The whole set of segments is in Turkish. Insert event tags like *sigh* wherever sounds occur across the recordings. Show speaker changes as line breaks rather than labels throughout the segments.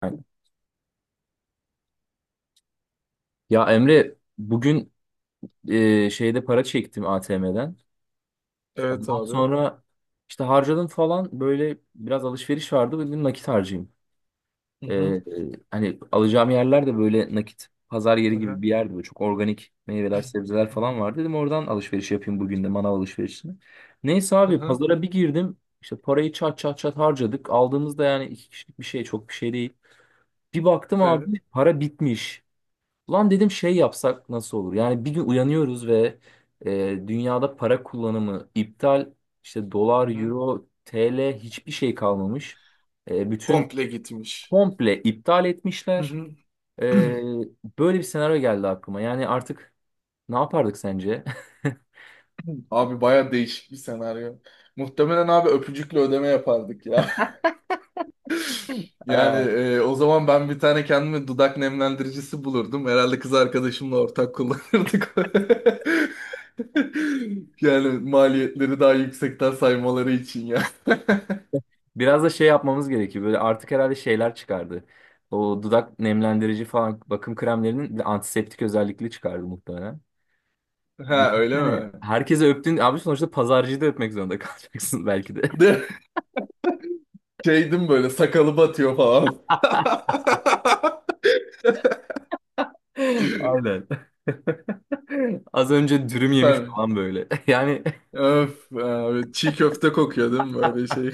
Aynen. Ya Emre bugün şeyde para çektim ATM'den.
Evet,
Ondan
abi.
sonra işte harcadım falan böyle biraz alışveriş vardı dedim nakit harcayayım.
Hı
E,
hı.
e, hani alacağım yerler de böyle nakit pazar
Hı
yeri gibi
hı.
bir yerdi. Böyle çok organik meyveler sebzeler
Hı hı.
falan vardı. Dedim oradan alışveriş yapayım bugün de manav alışverişini. Neyse
Hı
abi
hı.
pazara bir girdim. İşte parayı çat çat çat harcadık. Aldığımızda yani iki kişilik bir şey çok bir şey değil. Bir baktım
Evet.
abi para bitmiş. Ulan dedim şey yapsak nasıl olur? Yani bir gün uyanıyoruz ve dünyada para kullanımı iptal. İşte
Hı
dolar,
hı.
euro, TL hiçbir şey kalmamış. Bütün
Komple gitmiş.
komple iptal
Hı
etmişler.
hı.
E,
*clears throat*
böyle bir senaryo geldi aklıma. Yani artık ne yapardık sence? *laughs*
Abi, baya değişik bir senaryo. Muhtemelen abi, öpücükle ödeme yapardık ya. *laughs* Yani
Ee,
o zaman ben bir tane kendime dudak nemlendiricisi bulurdum. Herhalde kız arkadaşımla ortak kullanırdık. *laughs* Yani maliyetleri daha yüksekten saymaları için ya.
Biraz da şey yapmamız gerekiyor. Böyle artık herhalde şeyler çıkardı. O dudak nemlendirici falan bakım kremlerinin bir de antiseptik özellikli çıkardı muhtemelen.
*laughs* Ha, öyle
Düşünsene.
mi?
Herkese öptün. Abi sonuçta pazarcıyı da öpmek zorunda *laughs* kalacaksın belki
*laughs*
de.
De şeydim, böyle sakalı batıyor falan.
*laughs*
*laughs*
Aynen. *laughs* Az önce dürüm yemiş
Süper.
falan böyle. *laughs* Yani
Öf abi, çiğ köfte kokuyor değil mi böyle şey?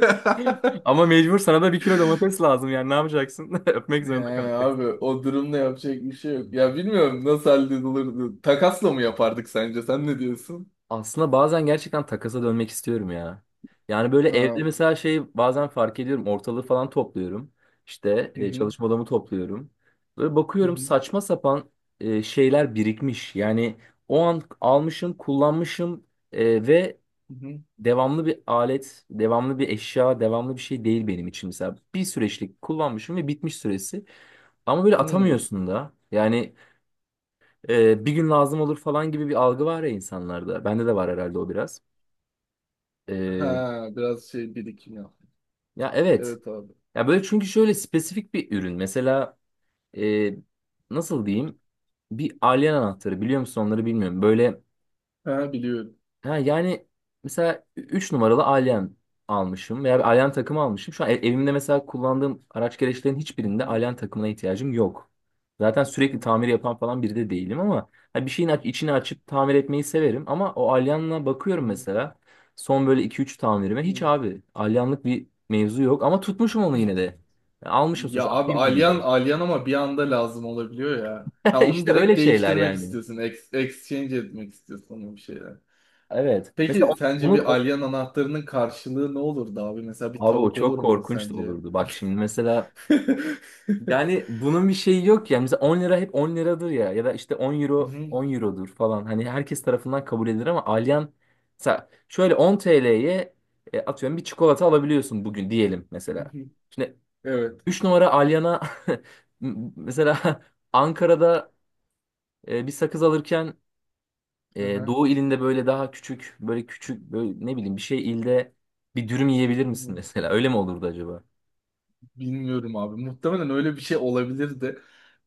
*laughs*
ama mecbur sana da bir kilo domates lazım. Yani ne yapacaksın? *laughs* Öpmek
Yani
zorunda
abi,
kalacaksın.
o durumda yapacak bir şey yok. Ya bilmiyorum nasıl halledilirdi. Takasla mı yapardık sence? Sen ne diyorsun?
Aslında bazen gerçekten takasa dönmek istiyorum ya. Yani böyle evde
Ha.
mesela şey bazen fark ediyorum ortalığı falan topluyorum. İşte
Hı hı.
çalışma odamı topluyorum. Böyle
Hı
bakıyorum
hı.
saçma sapan şeyler birikmiş. Yani o an almışım, kullanmışım ve
Hı hı.
devamlı bir alet, devamlı bir eşya, devamlı bir şey değil benim için. Mesela bir süreçlik kullanmışım ve bitmiş süresi. Ama böyle
Hmm.
atamıyorsun da. Yani bir gün lazım olur falan gibi bir algı var ya insanlarda. Bende de var herhalde o biraz. Ee,
Ha, biraz şey birikim yap.
ya evet.
Evet abi.
Ya böyle çünkü şöyle spesifik bir ürün. Mesela e, nasıl diyeyim? Bir alien anahtarı biliyor musun onları bilmiyorum. Böyle
Ha, biliyorum.
ha, yani mesela 3 numaralı Alyan almışım veya bir Alyan takımı almışım. Şu an evimde mesela kullandığım araç gereçlerin
Hı
hiçbirinde
hı.
Alyan takımına ihtiyacım yok. Zaten sürekli
Hı
tamir yapan falan biri de değilim ama ha, bir şeyin içini açıp tamir etmeyi severim. Ama o Alyan'la bakıyorum mesela son böyle iki üç tamirime hiç
hı.
abi Alyanlık bir mevzu yok ama tutmuşum onu yine de.
*clears throat*
Yani almışım
Ya
sonuçta
abi,
atayım mı diye.
alyan alyan ama bir anda lazım olabiliyor ya. Ha,
*laughs*
onu
İşte öyle
direkt
şeyler
değiştirmek
yani.
istiyorsun. Exchange etmek istiyorsun onu bir şeyler.
Evet. Mesela
Peki
onu,
sence
onu
bir
o-
alyan anahtarının karşılığı ne olurdu abi? Mesela bir
abi o
tavuk olur
çok
muydu
korkunç da
sence?
olurdu. Bak şimdi mesela
*laughs*
yani bunun bir şeyi yok ya. Mesela 10 lira hep 10 liradır ya. Ya da işte 10
Hı
euro
hı,
10 eurodur falan. Hani herkes tarafından kabul edilir ama Alyan mesela şöyle 10 TL'ye atıyorum bir çikolata alabiliyorsun bugün diyelim
hı
mesela.
hı.
Şimdi
Evet.
3 numara Alyan'a *laughs* mesela Ankara'da bir sakız alırken
Hı hı.
Doğu ilinde böyle daha küçük böyle küçük böyle ne bileyim bir şey ilde bir dürüm yiyebilir misin mesela? Öyle mi olurdu acaba?
Bilmiyorum abi. Muhtemelen öyle bir şey olabilirdi.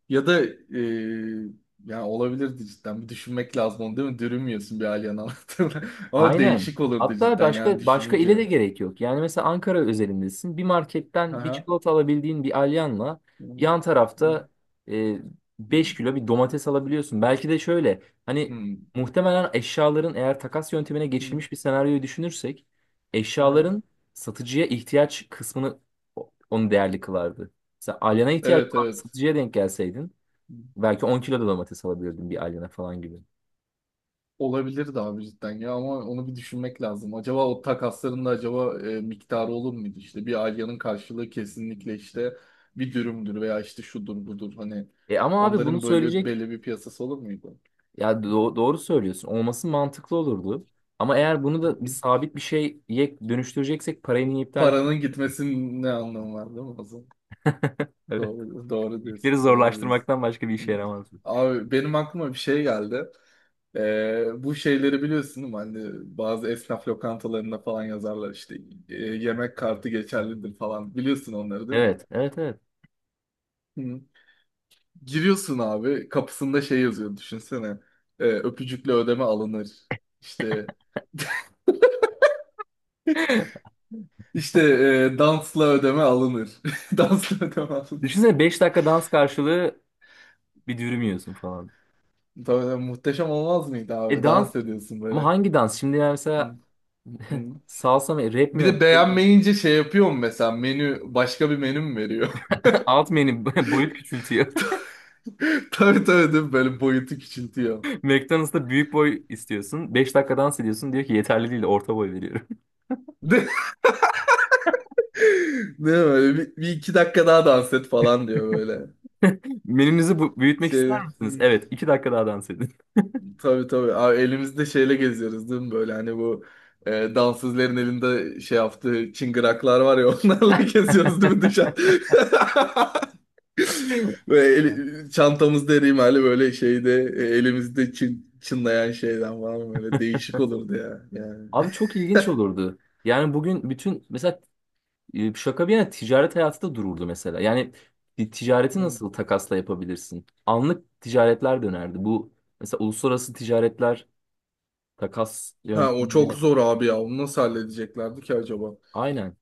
Ya da yani olabilirdi cidden. Bir düşünmek lazım onu değil mi? Dürümüyorsun bir alien anahtarına. *laughs* Ama
Aynen.
değişik olurdu
Hatta
cidden yani
başka başka ile de
düşününce.
gerek yok. Yani mesela Ankara özelindesin. Bir
Hı
marketten bir
hı.
çikolata alabildiğin bir alyanla
Hı
yan
hı.
tarafta e, 5 kilo bir domates alabiliyorsun. Belki de şöyle
Hı
hani
hı.
muhtemelen eşyaların eğer takas yöntemine geçilmiş bir senaryoyu düşünürsek
Hı hı.
eşyaların satıcıya ihtiyaç kısmını onu değerli kılardı. Mesela alyana ihtiyaç
Evet,
olan bir
evet.
satıcıya denk gelseydin belki 10 kilo da domates alabilirdin bir alyana falan gibi.
Olabilirdi abi cidden ya, ama onu bir düşünmek lazım. Acaba o takasların da acaba miktarı olur muydu? İşte bir Alya'nın karşılığı kesinlikle işte bir dürümdür veya işte şudur budur, hani
E ama abi bunu
onların böyle
söyleyecek...
belli bir piyasası olur muydu?
Ya doğru söylüyorsun. Olması mantıklı olurdu. Ama eğer bunu
Hı
da bir
hı.
sabit bir şeye dönüştüreceksek parayı niye iptal...
Paranın gitmesinin ne anlamı var değil mi?
*laughs* Evet.
Doğru, doğru
İşleri
diyorsun, doğru diyorsun.
zorlaştırmaktan başka bir işe yaramaz bu.
Abi, benim aklıma bir şey geldi. Bu şeyleri biliyorsun değil mi? Hani bazı esnaf lokantalarında falan yazarlar işte, yemek kartı geçerlidir falan. Biliyorsun onları değil mi?
Evet, evet, evet.
Hı. Giriyorsun abi, kapısında şey yazıyor düşünsene. Öpücükle ödeme alınır. İşte *laughs*
*laughs*
işte dansla ödeme alınır. *laughs* Dansla ödeme alınır.
Düşünsene beş dakika dans karşılığı bir dürüm yiyorsun falan.
Tabii, muhteşem olmaz mıydı
E
abi?
dans
Dans ediyorsun
ama
böyle.
hangi dans? Şimdi yani
Hı,
mesela *laughs*
hı.
salsa mı, rap mi
Bir de
yap? Şey,
beğenmeyince şey yapıyor mu mesela, menü başka bir menü mü veriyor?
*laughs* alt menü *laughs* boyut küçültüyor.
*laughs* Tabii tabii değil mi? Böyle boyutu küçültüyor.
*laughs*
*laughs*
McDonald's'ta büyük boy istiyorsun. Beş dakika dans ediyorsun. Diyor ki yeterli değil, orta boy veriyorum.
Ne, ne böyle bir, bir iki dakika daha dans et falan diyor böyle.
*laughs* Menünüzü büyütmek
Şey,
ister misiniz? Evet, iki dakika daha dans edin.
tabii tabii. Abi elimizde şeyle geziyoruz değil mi? Böyle hani bu dansözlerin elinde şey yaptığı çıngıraklar var ya, *laughs* onlarla geziyoruz değil mi dışarı?
*laughs*
*laughs* Böyle çantamızda erimali böyle şeyde, elimizde çın, çınlayan şeyden falan böyle değişik olurdu ya. Yani.
Abi çok ilginç olurdu. Yani bugün bütün mesela şaka bir yana ticaret hayatı da dururdu mesela. Yani bir ticareti
Hı.
nasıl takasla yapabilirsin? Anlık ticaretler dönerdi. Bu mesela uluslararası ticaretler takas
Ha, o çok
yöntemiyle
zor abi ya. Onu nasıl halledeceklerdi ki acaba?
aynen.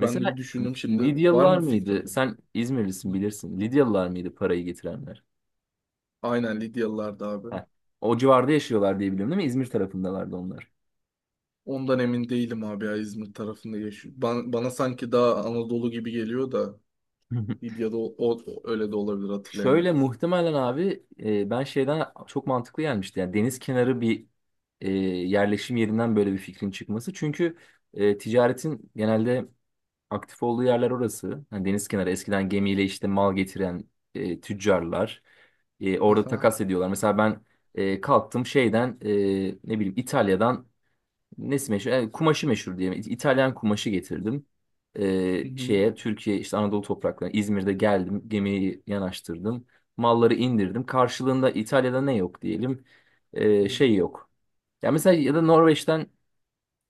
Ben de bir düşündüm şimdi. Var
Lidyalılar
mı bir
mıydı?
fikrin?
Sen İzmirlisin bilirsin. Lidyalılar mıydı parayı getirenler?
Aynen Lidyalılardı abi.
Heh. O civarda yaşıyorlar diye biliyorum değil mi? İzmir tarafındalardı onlar.
Ondan emin değilim abi ya, İzmir tarafında yaşıyor. Bana sanki daha Anadolu gibi geliyor da,
*laughs*
Lidya'da o, öyle de olabilir,
Şöyle
hatırlayamadım.
muhtemelen abi ben şeyden çok mantıklı gelmişti. Yani deniz kenarı bir yerleşim yerinden böyle bir fikrin çıkması. Çünkü ticaretin genelde aktif olduğu yerler orası. Yani deniz kenarı eskiden gemiyle işte mal getiren tüccarlar orada
Aha.
takas ediyorlar. Mesela ben kalktım şeyden ne bileyim İtalya'dan nesi meşhur? Yani kumaşı meşhur diyelim. İtalyan kumaşı getirdim.
Hı
Ee,
hı.
şeye Türkiye işte Anadolu topraklarına İzmir'de geldim. Gemiyi yanaştırdım. Malları indirdim. Karşılığında İtalya'da ne yok diyelim. Ee,
Hı
şey yok. Ya mesela ya da Norveç'ten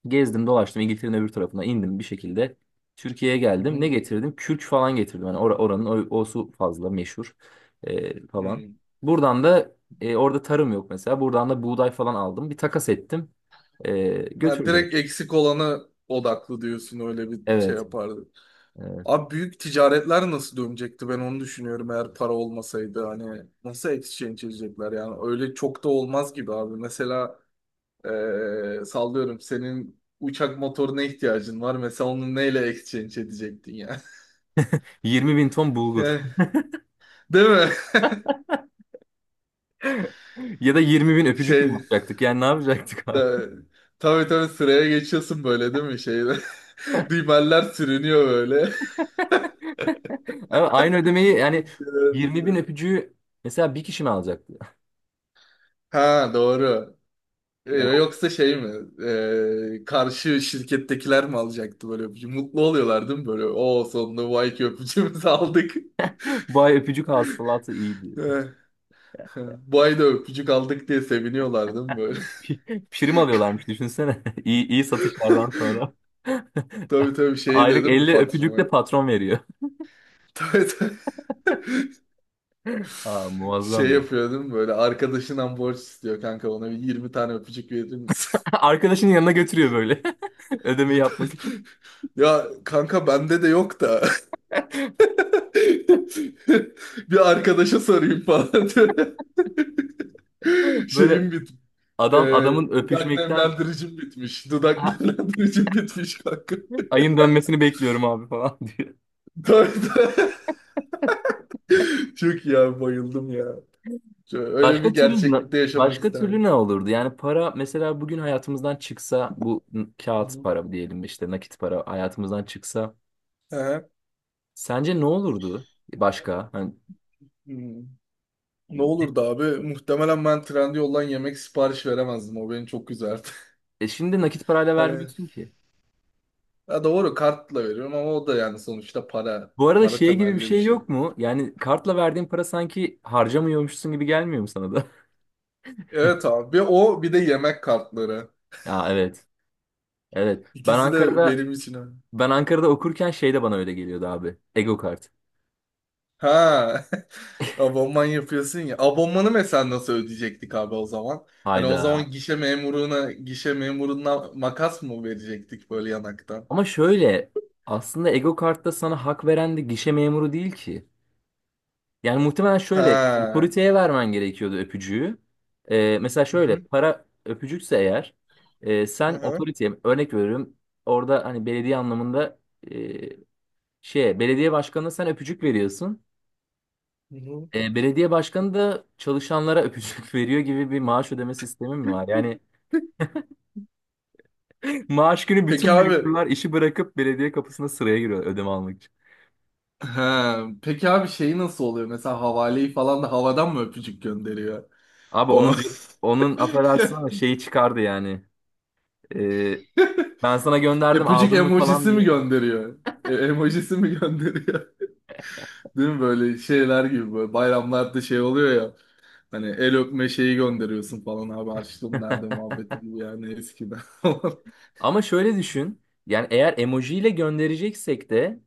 gezdim dolaştım İngiltere'nin öbür tarafına indim bir şekilde. Türkiye'ye geldim. Ne
hı.
getirdim? Kürk falan getirdim. Hani oranın o, o su fazla meşhur
Hı
falan.
hı.
Buradan da orada tarım yok mesela. Buradan da buğday falan aldım. Bir takas ettim. E,
Ha,
götürdüm.
direkt eksik olana odaklı diyorsun, öyle bir şey
Evet.
yapar.
Evet.
Abi, büyük ticaretler nasıl dönecekti, ben onu düşünüyorum. Eğer para olmasaydı hani nasıl exchange edecekler, yani öyle çok da olmaz gibi abi. Mesela sallıyorum, senin uçak motoruna ihtiyacın var mesela, onu neyle exchange edecektin ya?
20 bin ton
*laughs*
bulgur.
Yani,
*laughs*
değil mi?
Ya da 20 bin öpücük mü
Şey,
yapacaktık? Yani ne yapacaktık
e,
abi?
tabii tabii, sıraya geçiyorsun böyle değil mi şeyde. *laughs* Dümeller sürünüyor böyle.
*laughs* Ama aynı ödemeyi yani 20 bin öpücüğü mesela bir kişi mi alacaktı?
*laughs* Ha, doğru.
*laughs* Yani
Yoksa şey mi? Karşı şirkettekiler mi alacaktı böyle öpücü? Mutlu oluyorlar değil mi böyle? O sonunda bu ayki öpücüğümüzü *laughs* aldık.
bu ay öpücük hasılatı iyiydi.
Ee, Bu ay da öpücük aldık diye seviniyorlar değil mi böyle?
*laughs* Prim alıyorlarmış düşünsene. *laughs* İyi, iyi satışlardan
*laughs*
sonra. *laughs*
Tabii tabii, şey diyor
Aylık
değil mi
50 öpücük de
patrona?
patron veriyor.
Tabii tabii. *laughs*
*laughs* Ha,
Şey
muazzam ya.
yapıyor değil mi böyle? Arkadaşından borç istiyor, kanka ona bir 20 tane öpücük verir misin?
*laughs* Arkadaşının yanına götürüyor böyle. *laughs* Ödemeyi yapmak için.
*laughs* Ya kanka, bende de yok da. *laughs* *laughs* Bir arkadaşa sorayım falan. *laughs*
Böyle
Şeyim bit e,
adam adamın
dudak
öpüşmekten
nemlendiricim bitmiş. Dudak *laughs*
"Ha,
nemlendiricim bitmiş kanka.
ayın dönmesini bekliyorum abi falan *laughs* diyor.
Tabii, tabii. Çok iyi abi, bayıldım ya. Şöyle, öyle
Başka
bir
türlü
gerçeklikte yaşamak
başka türlü ne
isterdim.
olurdu? Yani para mesela bugün hayatımızdan çıksa bu
Hı
kağıt
hı.
para diyelim işte nakit para hayatımızdan çıksa
Hı.
sence ne olurdu başka? Hani,
Hmm. Ne olurdu abi? Muhtemelen ben Trendyol'dan yemek sipariş veremezdim. O beni çok üzerdi. *laughs*
şimdi nakit parayla
Hani
vermiyorsun ki.
ya doğru, kartla veriyorum ama o da yani sonuçta para.
Bu arada
Para
şey gibi bir
temelli bir
şey
şey.
yok mu? Yani kartla verdiğin para sanki harcamıyormuşsun gibi gelmiyor mu sana da? *laughs*
Evet abi. Bir o, bir de yemek kartları.
Ya evet. Evet. Ben
İkisi de
Ankara'da
benim için öyle.
ben Ankara'da okurken şey de bana öyle geliyordu abi. Ego kart.
Ha. *laughs* Abonman yapıyorsun ya. Abonmanı mesela nasıl ödeyecektik abi o zaman? Hani o
Hayda.
zaman gişe memuruna, gişe memuruna makas mı verecektik böyle yanaktan?
Ama şöyle aslında Ego kartta sana hak veren de gişe memuru değil ki. Yani muhtemelen şöyle
Ha.
otoriteye vermen gerekiyordu öpücüğü. Mesela
Hı
şöyle
hı.
para öpücükse eğer
Hı
sen
hı.
otoriteye örnek veriyorum orada hani belediye anlamında e, şeye belediye başkanına sen öpücük veriyorsun.
Hı hı.
Belediye başkanı da çalışanlara öpücük *laughs* veriyor gibi bir maaş ödeme sistemi mi var? Yani *laughs* maaş günü
Peki
bütün
abi.
memurlar işi bırakıp belediye kapısına sıraya giriyor ödeme almak için.
Ha. Peki abi, şeyi nasıl oluyor? Mesela havaleyi falan da havadan mı öpücük gönderiyor?
Abi
O
onun onun affedersin ama
*laughs*
şeyi çıkardı yani. E, ben sana gönderdim
öpücük
aldın mı falan
emojisi mi
diye.
gönderiyor? Emojisi mi gönderiyor? Değil mi böyle şeyler gibi böyle bayramlarda şey oluyor ya, hani el öpme şeyi gönderiyorsun falan abi, harçlığım nerede
*laughs*
muhabbeti gibi yani eskiden. *laughs*
Ama şöyle düşün. Yani eğer emojiyle göndereceksek de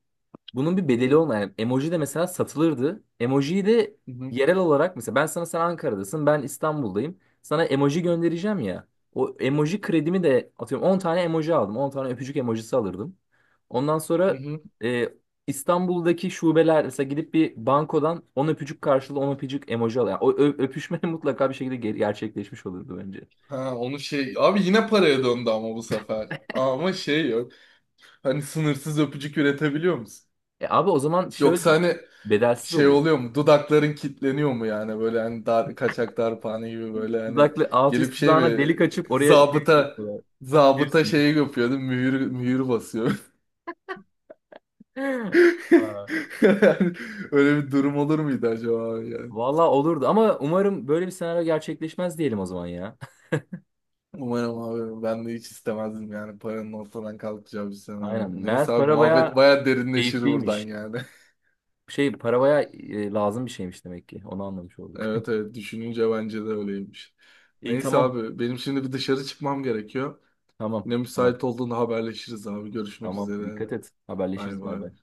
bunun bir
Hı
bedeli
hı,
olmayan yani emoji de mesela satılırdı. Emojiyi de
hı hı,
yerel olarak mesela ben sana sen Ankara'dasın, ben İstanbul'dayım. Sana emoji göndereceğim ya. O emoji kredimi de atıyorum 10 tane emoji aldım. 10 tane öpücük emojisi alırdım. Ondan
hı
sonra
hı.
e, İstanbul'daki şubeler mesela gidip bir bankodan 10 öpücük karşılığı 10 öpücük emoji alıyor. Yani o öpüşme *laughs* mutlaka bir şekilde gerçekleşmiş olurdu bence.
Ha, onu şey abi yine paraya döndü ama bu sefer. Ama şey yok. Hani sınırsız öpücük üretebiliyor musun?
E abi o zaman şöyle
Yoksa hani
bedelsiz
şey
olur.
oluyor mu? Dudakların kilitleniyor mu yani, böyle hani dar, kaçak darphane gibi böyle hani
Dudaklı alt
gelip
üst
şey
dudağına
mi,
delik açıp oraya şey
zabıta,
yapıyorlar.
zabıta
Piercing.
şeyi yapıyordu, mühür mühür basıyor. *laughs*
*laughs* Aa,
Yani öyle bir durum olur muydu acaba abi yani?
vallahi olurdu ama umarım böyle bir senaryo gerçekleşmez diyelim o zaman ya. *laughs*
Umarım abi, ben de hiç istemezdim yani paranın ortadan kalkacağı bir senaryo.
Aynen.
Neyse
Meğer
abi,
para bayağı
muhabbet baya derinleşir buradan
keyifliymiş.
yani. *laughs*
Şey para bayağı lazım bir şeymiş demek ki. Onu anlamış olduk.
Evet evet, düşününce bence de öyleymiş.
*laughs* İyi
Neyse
tamam.
abi, benim şimdi bir dışarı çıkmam gerekiyor.
Tamam.
Yine
Tamam.
müsait olduğunda haberleşiriz abi. Görüşmek
Tamam.
üzere.
Dikkat et.
Bay
Haberleşiriz. Bay
bay.
bay.